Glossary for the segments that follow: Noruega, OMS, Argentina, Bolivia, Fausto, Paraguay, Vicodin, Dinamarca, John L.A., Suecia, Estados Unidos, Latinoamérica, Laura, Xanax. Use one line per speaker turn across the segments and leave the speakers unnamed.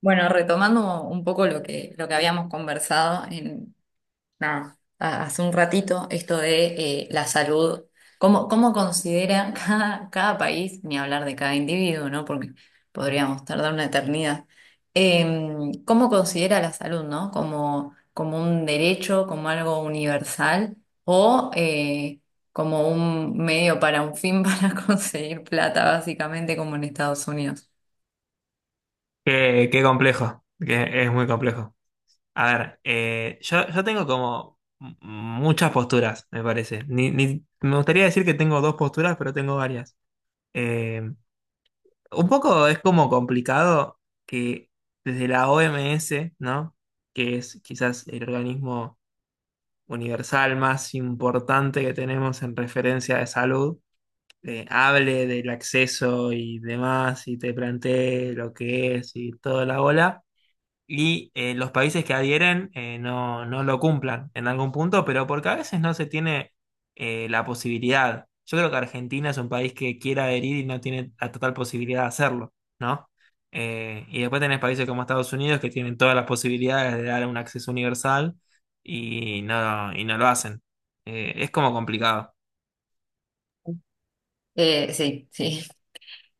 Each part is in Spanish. Bueno, retomando un poco lo que habíamos conversado nada, hace un ratito, esto de la salud, cómo considera cada país, ni hablar de cada individuo, ¿no? Porque podríamos tardar una eternidad. ¿Cómo considera la salud, no? Como un derecho, como algo universal o como un medio para un fin para conseguir plata, básicamente como en Estados Unidos?
Qué, qué complejo, que es muy complejo. A ver, yo tengo como muchas posturas, me parece. Me gustaría decir que tengo dos posturas, pero tengo varias. Eh, un poco es como complicado que desde la OMS, ¿no? Que es quizás el organismo universal más importante que tenemos en referencia de salud, hable del acceso y demás, y te plantee lo que es y toda la bola y los países que adhieren, no, no lo cumplan en algún punto, pero porque a veces no se tiene la posibilidad. Yo creo que Argentina es un país que quiere adherir y no tiene la total posibilidad de hacerlo, ¿no? Y después tenés países como Estados Unidos que tienen todas las posibilidades de dar un acceso universal y no lo hacen. Es como complicado.
Sí, sí.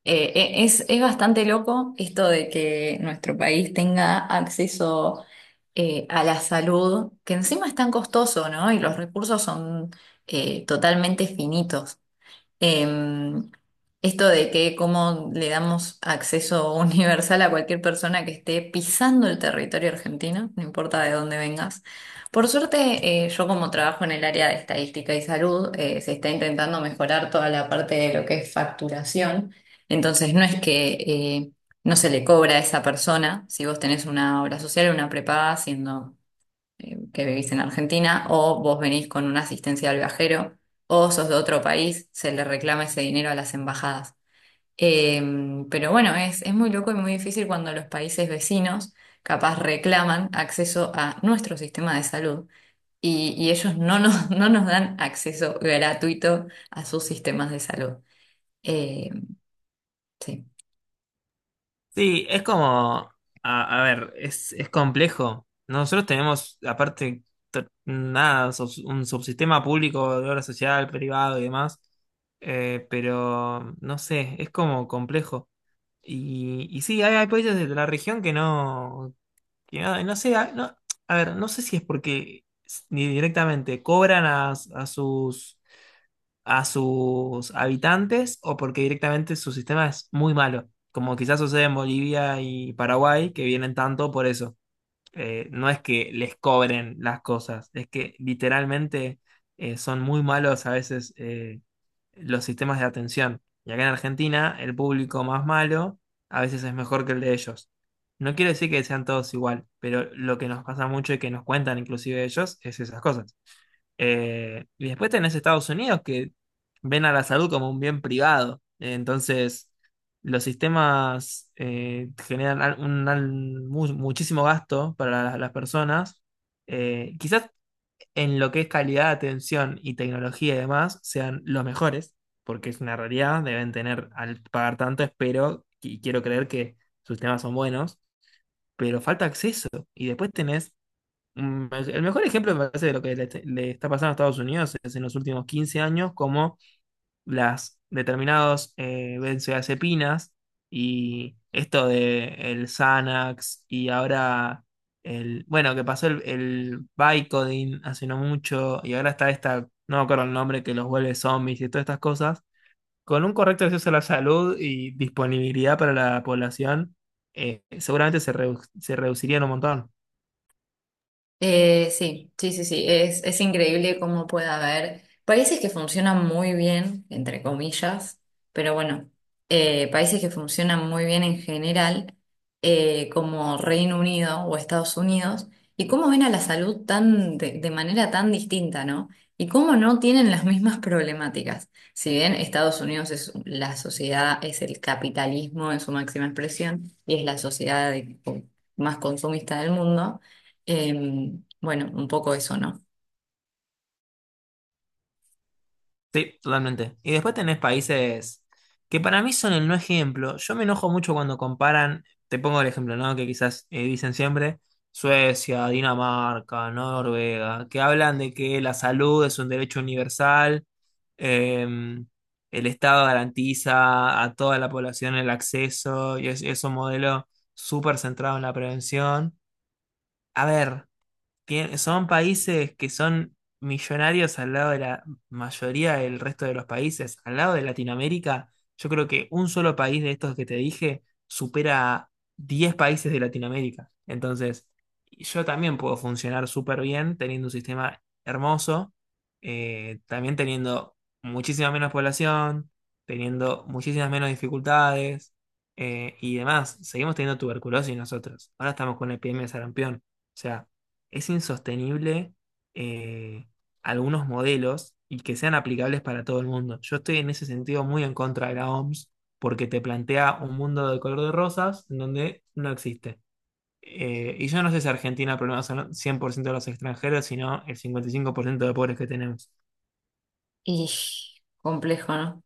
Es bastante loco esto de que nuestro país tenga acceso a la salud, que encima es tan costoso, ¿no? Y los recursos son totalmente finitos. Em, esto de que cómo le damos acceso universal a cualquier persona que esté pisando el territorio argentino, no importa de dónde vengas. Por suerte, yo como trabajo en el área de estadística y salud, se está intentando mejorar toda la parte de lo que es facturación. Entonces, no es que no se le cobra a esa persona, si vos tenés una obra social o una prepaga, siendo que vivís en Argentina, o vos venís con una asistencia al viajero, o sos de otro país, se le reclama ese dinero a las embajadas. Eh, pero bueno, es muy loco y muy difícil cuando los países vecinos capaz reclaman acceso a nuestro sistema de salud y ellos no nos dan acceso gratuito a sus sistemas de salud. Eh, sí.
Sí, es como, a ver, es complejo. Nosotros tenemos, aparte, nada, un subsistema público de obra social, privado y demás, pero no sé, es como complejo. Y sí, hay países de la región que no, no sé, a ver, no sé si es porque ni directamente cobran a sus habitantes o porque directamente su sistema es muy malo, como quizás sucede en Bolivia y Paraguay, que vienen tanto por eso. No es que les cobren las cosas, es que literalmente son muy malos a veces, los sistemas de atención. Y acá en Argentina, el público más malo a veces es mejor que el de ellos. No quiero decir que sean todos igual, pero lo que nos pasa mucho y que nos cuentan inclusive ellos es esas cosas. Y después tenés Estados Unidos que ven a la salud como un bien privado. Entonces, los sistemas, generan muchísimo gasto para las personas. Quizás en lo que es calidad de atención y tecnología y demás sean los mejores, porque es una realidad, deben tener al pagar tanto, espero y quiero creer que sus temas son buenos, pero falta acceso. Y después tenés, el mejor ejemplo me parece de lo que le está pasando a Estados Unidos es en los últimos 15 años, como las determinados, benzodiazepinas y esto de el Xanax y ahora el, bueno, que pasó el Vicodin hace no mucho y ahora está esta, no me acuerdo el nombre, que los vuelve zombies y todas estas cosas, con un correcto acceso a la salud y disponibilidad para la población, seguramente se, se reducirían un montón.
Sí, sí, sí, sí, es increíble cómo puede haber países que funcionan muy bien, entre comillas, pero bueno, países que funcionan muy bien en general, como Reino Unido o Estados Unidos, y cómo ven a la salud tan de manera tan distinta, ¿no? Y cómo no tienen las mismas problemáticas. Si bien Estados Unidos es la sociedad, es el capitalismo en su máxima expresión y es la sociedad más consumista del mundo. Bueno, un poco eso, ¿no?
Sí, totalmente. Y después tenés países que para mí son el no ejemplo. Yo me enojo mucho cuando comparan, te pongo el ejemplo, ¿no? Que quizás, dicen siempre, Suecia, Dinamarca, Noruega, que hablan de que la salud es un derecho universal, eh, el Estado garantiza a toda la población el acceso y es un modelo súper centrado en la prevención. A ver. Son países que son millonarios al lado de la mayoría del resto de los países. Al lado de Latinoamérica, yo creo que un solo país de estos que te dije supera a 10 países de Latinoamérica. Entonces, yo también puedo funcionar súper bien teniendo un sistema hermoso, también teniendo muchísima menos población, teniendo muchísimas menos dificultades, y demás, seguimos teniendo tuberculosis nosotros. Ahora estamos con la epidemia de sarampión. O sea, es insostenible, eh, algunos modelos, y que sean aplicables para todo el mundo. Yo estoy en ese sentido muy en contra de la OMS porque te plantea un mundo de color de rosas en donde no existe. Y yo no sé si Argentina el problema son 100% de los extranjeros, sino el 55% de pobres que tenemos.
Y complejo, ¿no?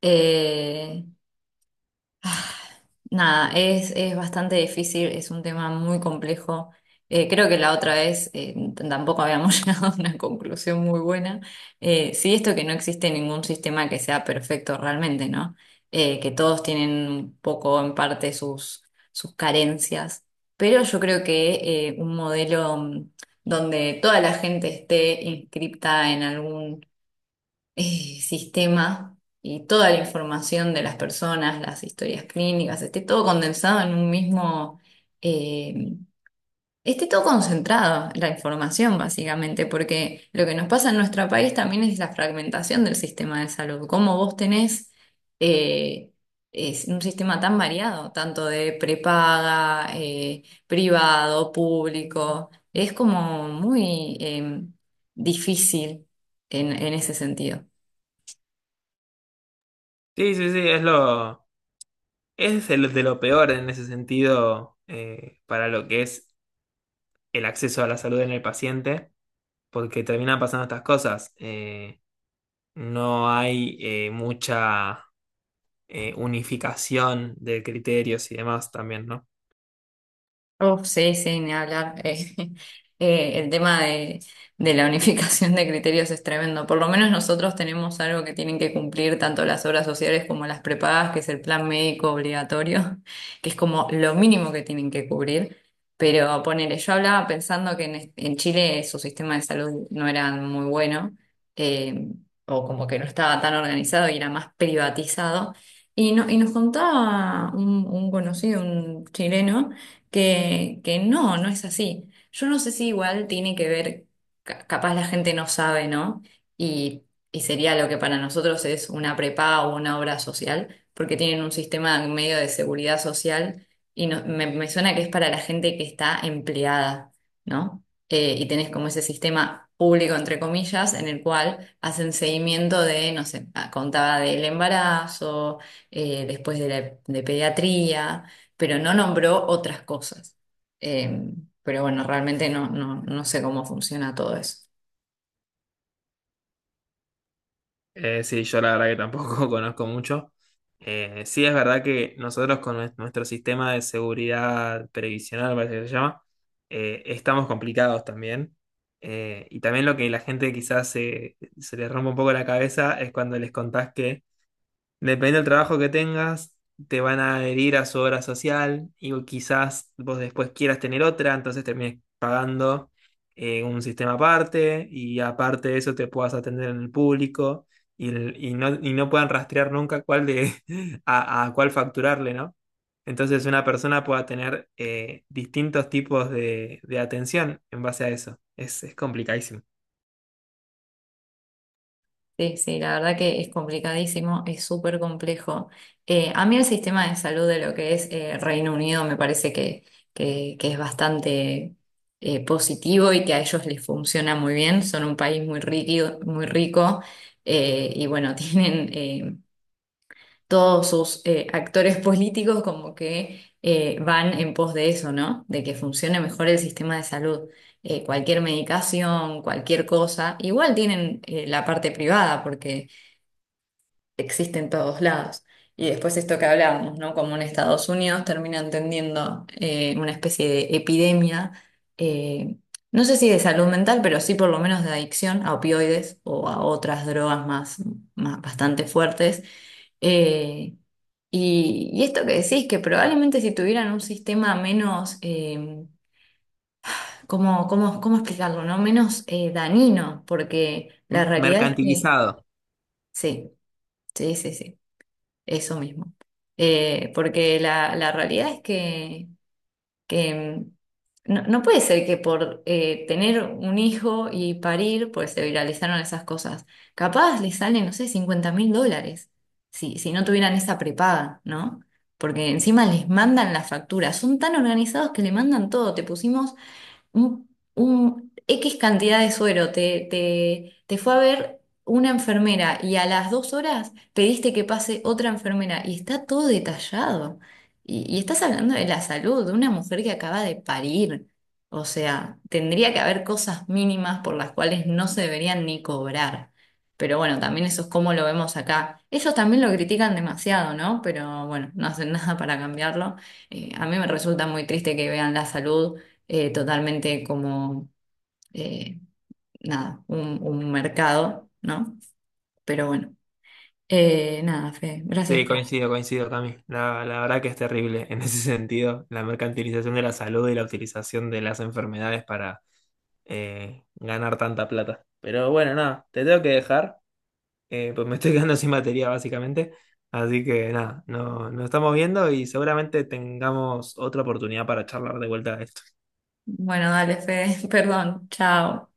Eh, Ah, Nada, es bastante difícil, es un tema muy complejo. Creo que la otra vez tampoco habíamos llegado a una conclusión muy buena. Sí, esto que no existe ningún sistema que sea perfecto realmente, ¿no? Que todos tienen un poco en parte sus carencias, pero yo creo que un modelo donde toda la gente esté inscripta en algún sistema y toda la información de las personas, las historias clínicas, esté todo condensado en un mismo, eh, esté todo concentrado, la información básicamente, porque lo que nos pasa en nuestro país también es la fragmentación del sistema de salud, cómo vos tenés eh, Es un sistema tan variado, tanto de prepaga, privado, público. Es como muy difícil en ese sentido.
Sí, sí, sí, es lo, es el de lo peor en ese sentido, para lo que es el acceso a la salud en el paciente, porque terminan pasando estas cosas. No hay, mucha unificación de criterios y demás también, ¿no?
Uf, sí, sí, ni hablar. El tema de la unificación de criterios es tremendo. Por lo menos nosotros tenemos algo que tienen que cumplir tanto las obras sociales como las prepagas, que es el plan médico obligatorio, que es como lo mínimo que tienen que cubrir. Pero ponele, yo hablaba pensando que en Chile su sistema de salud no era muy bueno, eh, o como que no estaba tan organizado y era más privatizado. Y, no, y nos contaba un conocido, un chileno que no, no es así. Yo no sé si igual tiene que ver, capaz la gente no sabe, ¿no? Y, y sería lo que para nosotros es una prepa o una obra social, porque tienen un sistema medio de seguridad social y me suena que es para la gente que está empleada, ¿no? Y tenés como ese sistema público, entre comillas, en el cual hacen seguimiento de, no sé, contaba del embarazo, después de de pediatría pero no nombró otras cosas. Eh, pero bueno, realmente no sé cómo funciona todo eso.
Sí, yo la verdad que tampoco conozco mucho. Sí, es verdad que nosotros con nuestro sistema de seguridad previsional, parece que se llama, estamos complicados también. Y también lo que la gente quizás se, se le rompe un poco la cabeza es cuando les contás que depende del trabajo que tengas, te van a adherir a su obra social y quizás vos después quieras tener otra, entonces termines pagando, un sistema aparte y aparte de eso te puedas atender en el público y, y no puedan rastrear nunca cuál de, a cuál facturarle, ¿no? Entonces una persona pueda tener, distintos tipos de atención en base a eso. Es complicadísimo.
Sí, sí, la verdad que es complicadísimo, es súper complejo. A mí el sistema de salud de lo que es Reino Unido me parece que es bastante positivo y que a ellos les funciona muy bien. Son un país muy rico y bueno, tienen todos sus actores políticos como que van en pos de eso, ¿no? De que funcione mejor el sistema de salud. Cualquier medicación, cualquier cosa, igual tienen la parte privada porque existe en todos lados. Y después esto que hablábamos, ¿no? Como en Estados Unidos terminan tendiendo una especie de epidemia, eh, no sé si de salud mental, pero sí por lo menos de adicción a opioides o a otras drogas más bastante fuertes, eh, y esto que decís, que probablemente si tuvieran un sistema menos, ¿cómo explicarlo, no? Menos dañino, porque la realidad es que,
Mercantilizado.
sí, sí, sí, sí, eso mismo. Porque la realidad es que no, puede ser que por tener un hijo y parir, pues se viralizaron esas cosas. Capaz les salen, no sé, $50.000 si no tuvieran esa prepaga, ¿no? Porque encima les mandan la factura. Son tan organizados que le mandan todo. Te pusimos un, un X cantidad de suero, te fue a ver una enfermera y a las 2 horas pediste que pase otra enfermera y está todo detallado. Y estás hablando de la salud de una mujer que acaba de parir. O sea, tendría que haber cosas mínimas por las cuales no se deberían ni cobrar. Pero bueno, también eso es como lo vemos acá. Ellos también lo critican demasiado, ¿no? Pero bueno, no hacen nada para cambiarlo. A mí me resulta muy triste que vean la salud totalmente como, eh, nada, un mercado, ¿no? Pero bueno, nada, Fede, gracias.
Sí, coincido, coincido, Cami. La verdad que es terrible en ese sentido, la mercantilización de la salud y la utilización de las enfermedades para, ganar tanta plata. Pero bueno, nada, te tengo que dejar, pues me estoy quedando sin batería básicamente. Así que nada, no, nos estamos viendo y seguramente tengamos otra oportunidad para charlar de vuelta de esto.
Bueno, dale, Fede, perdón, chao.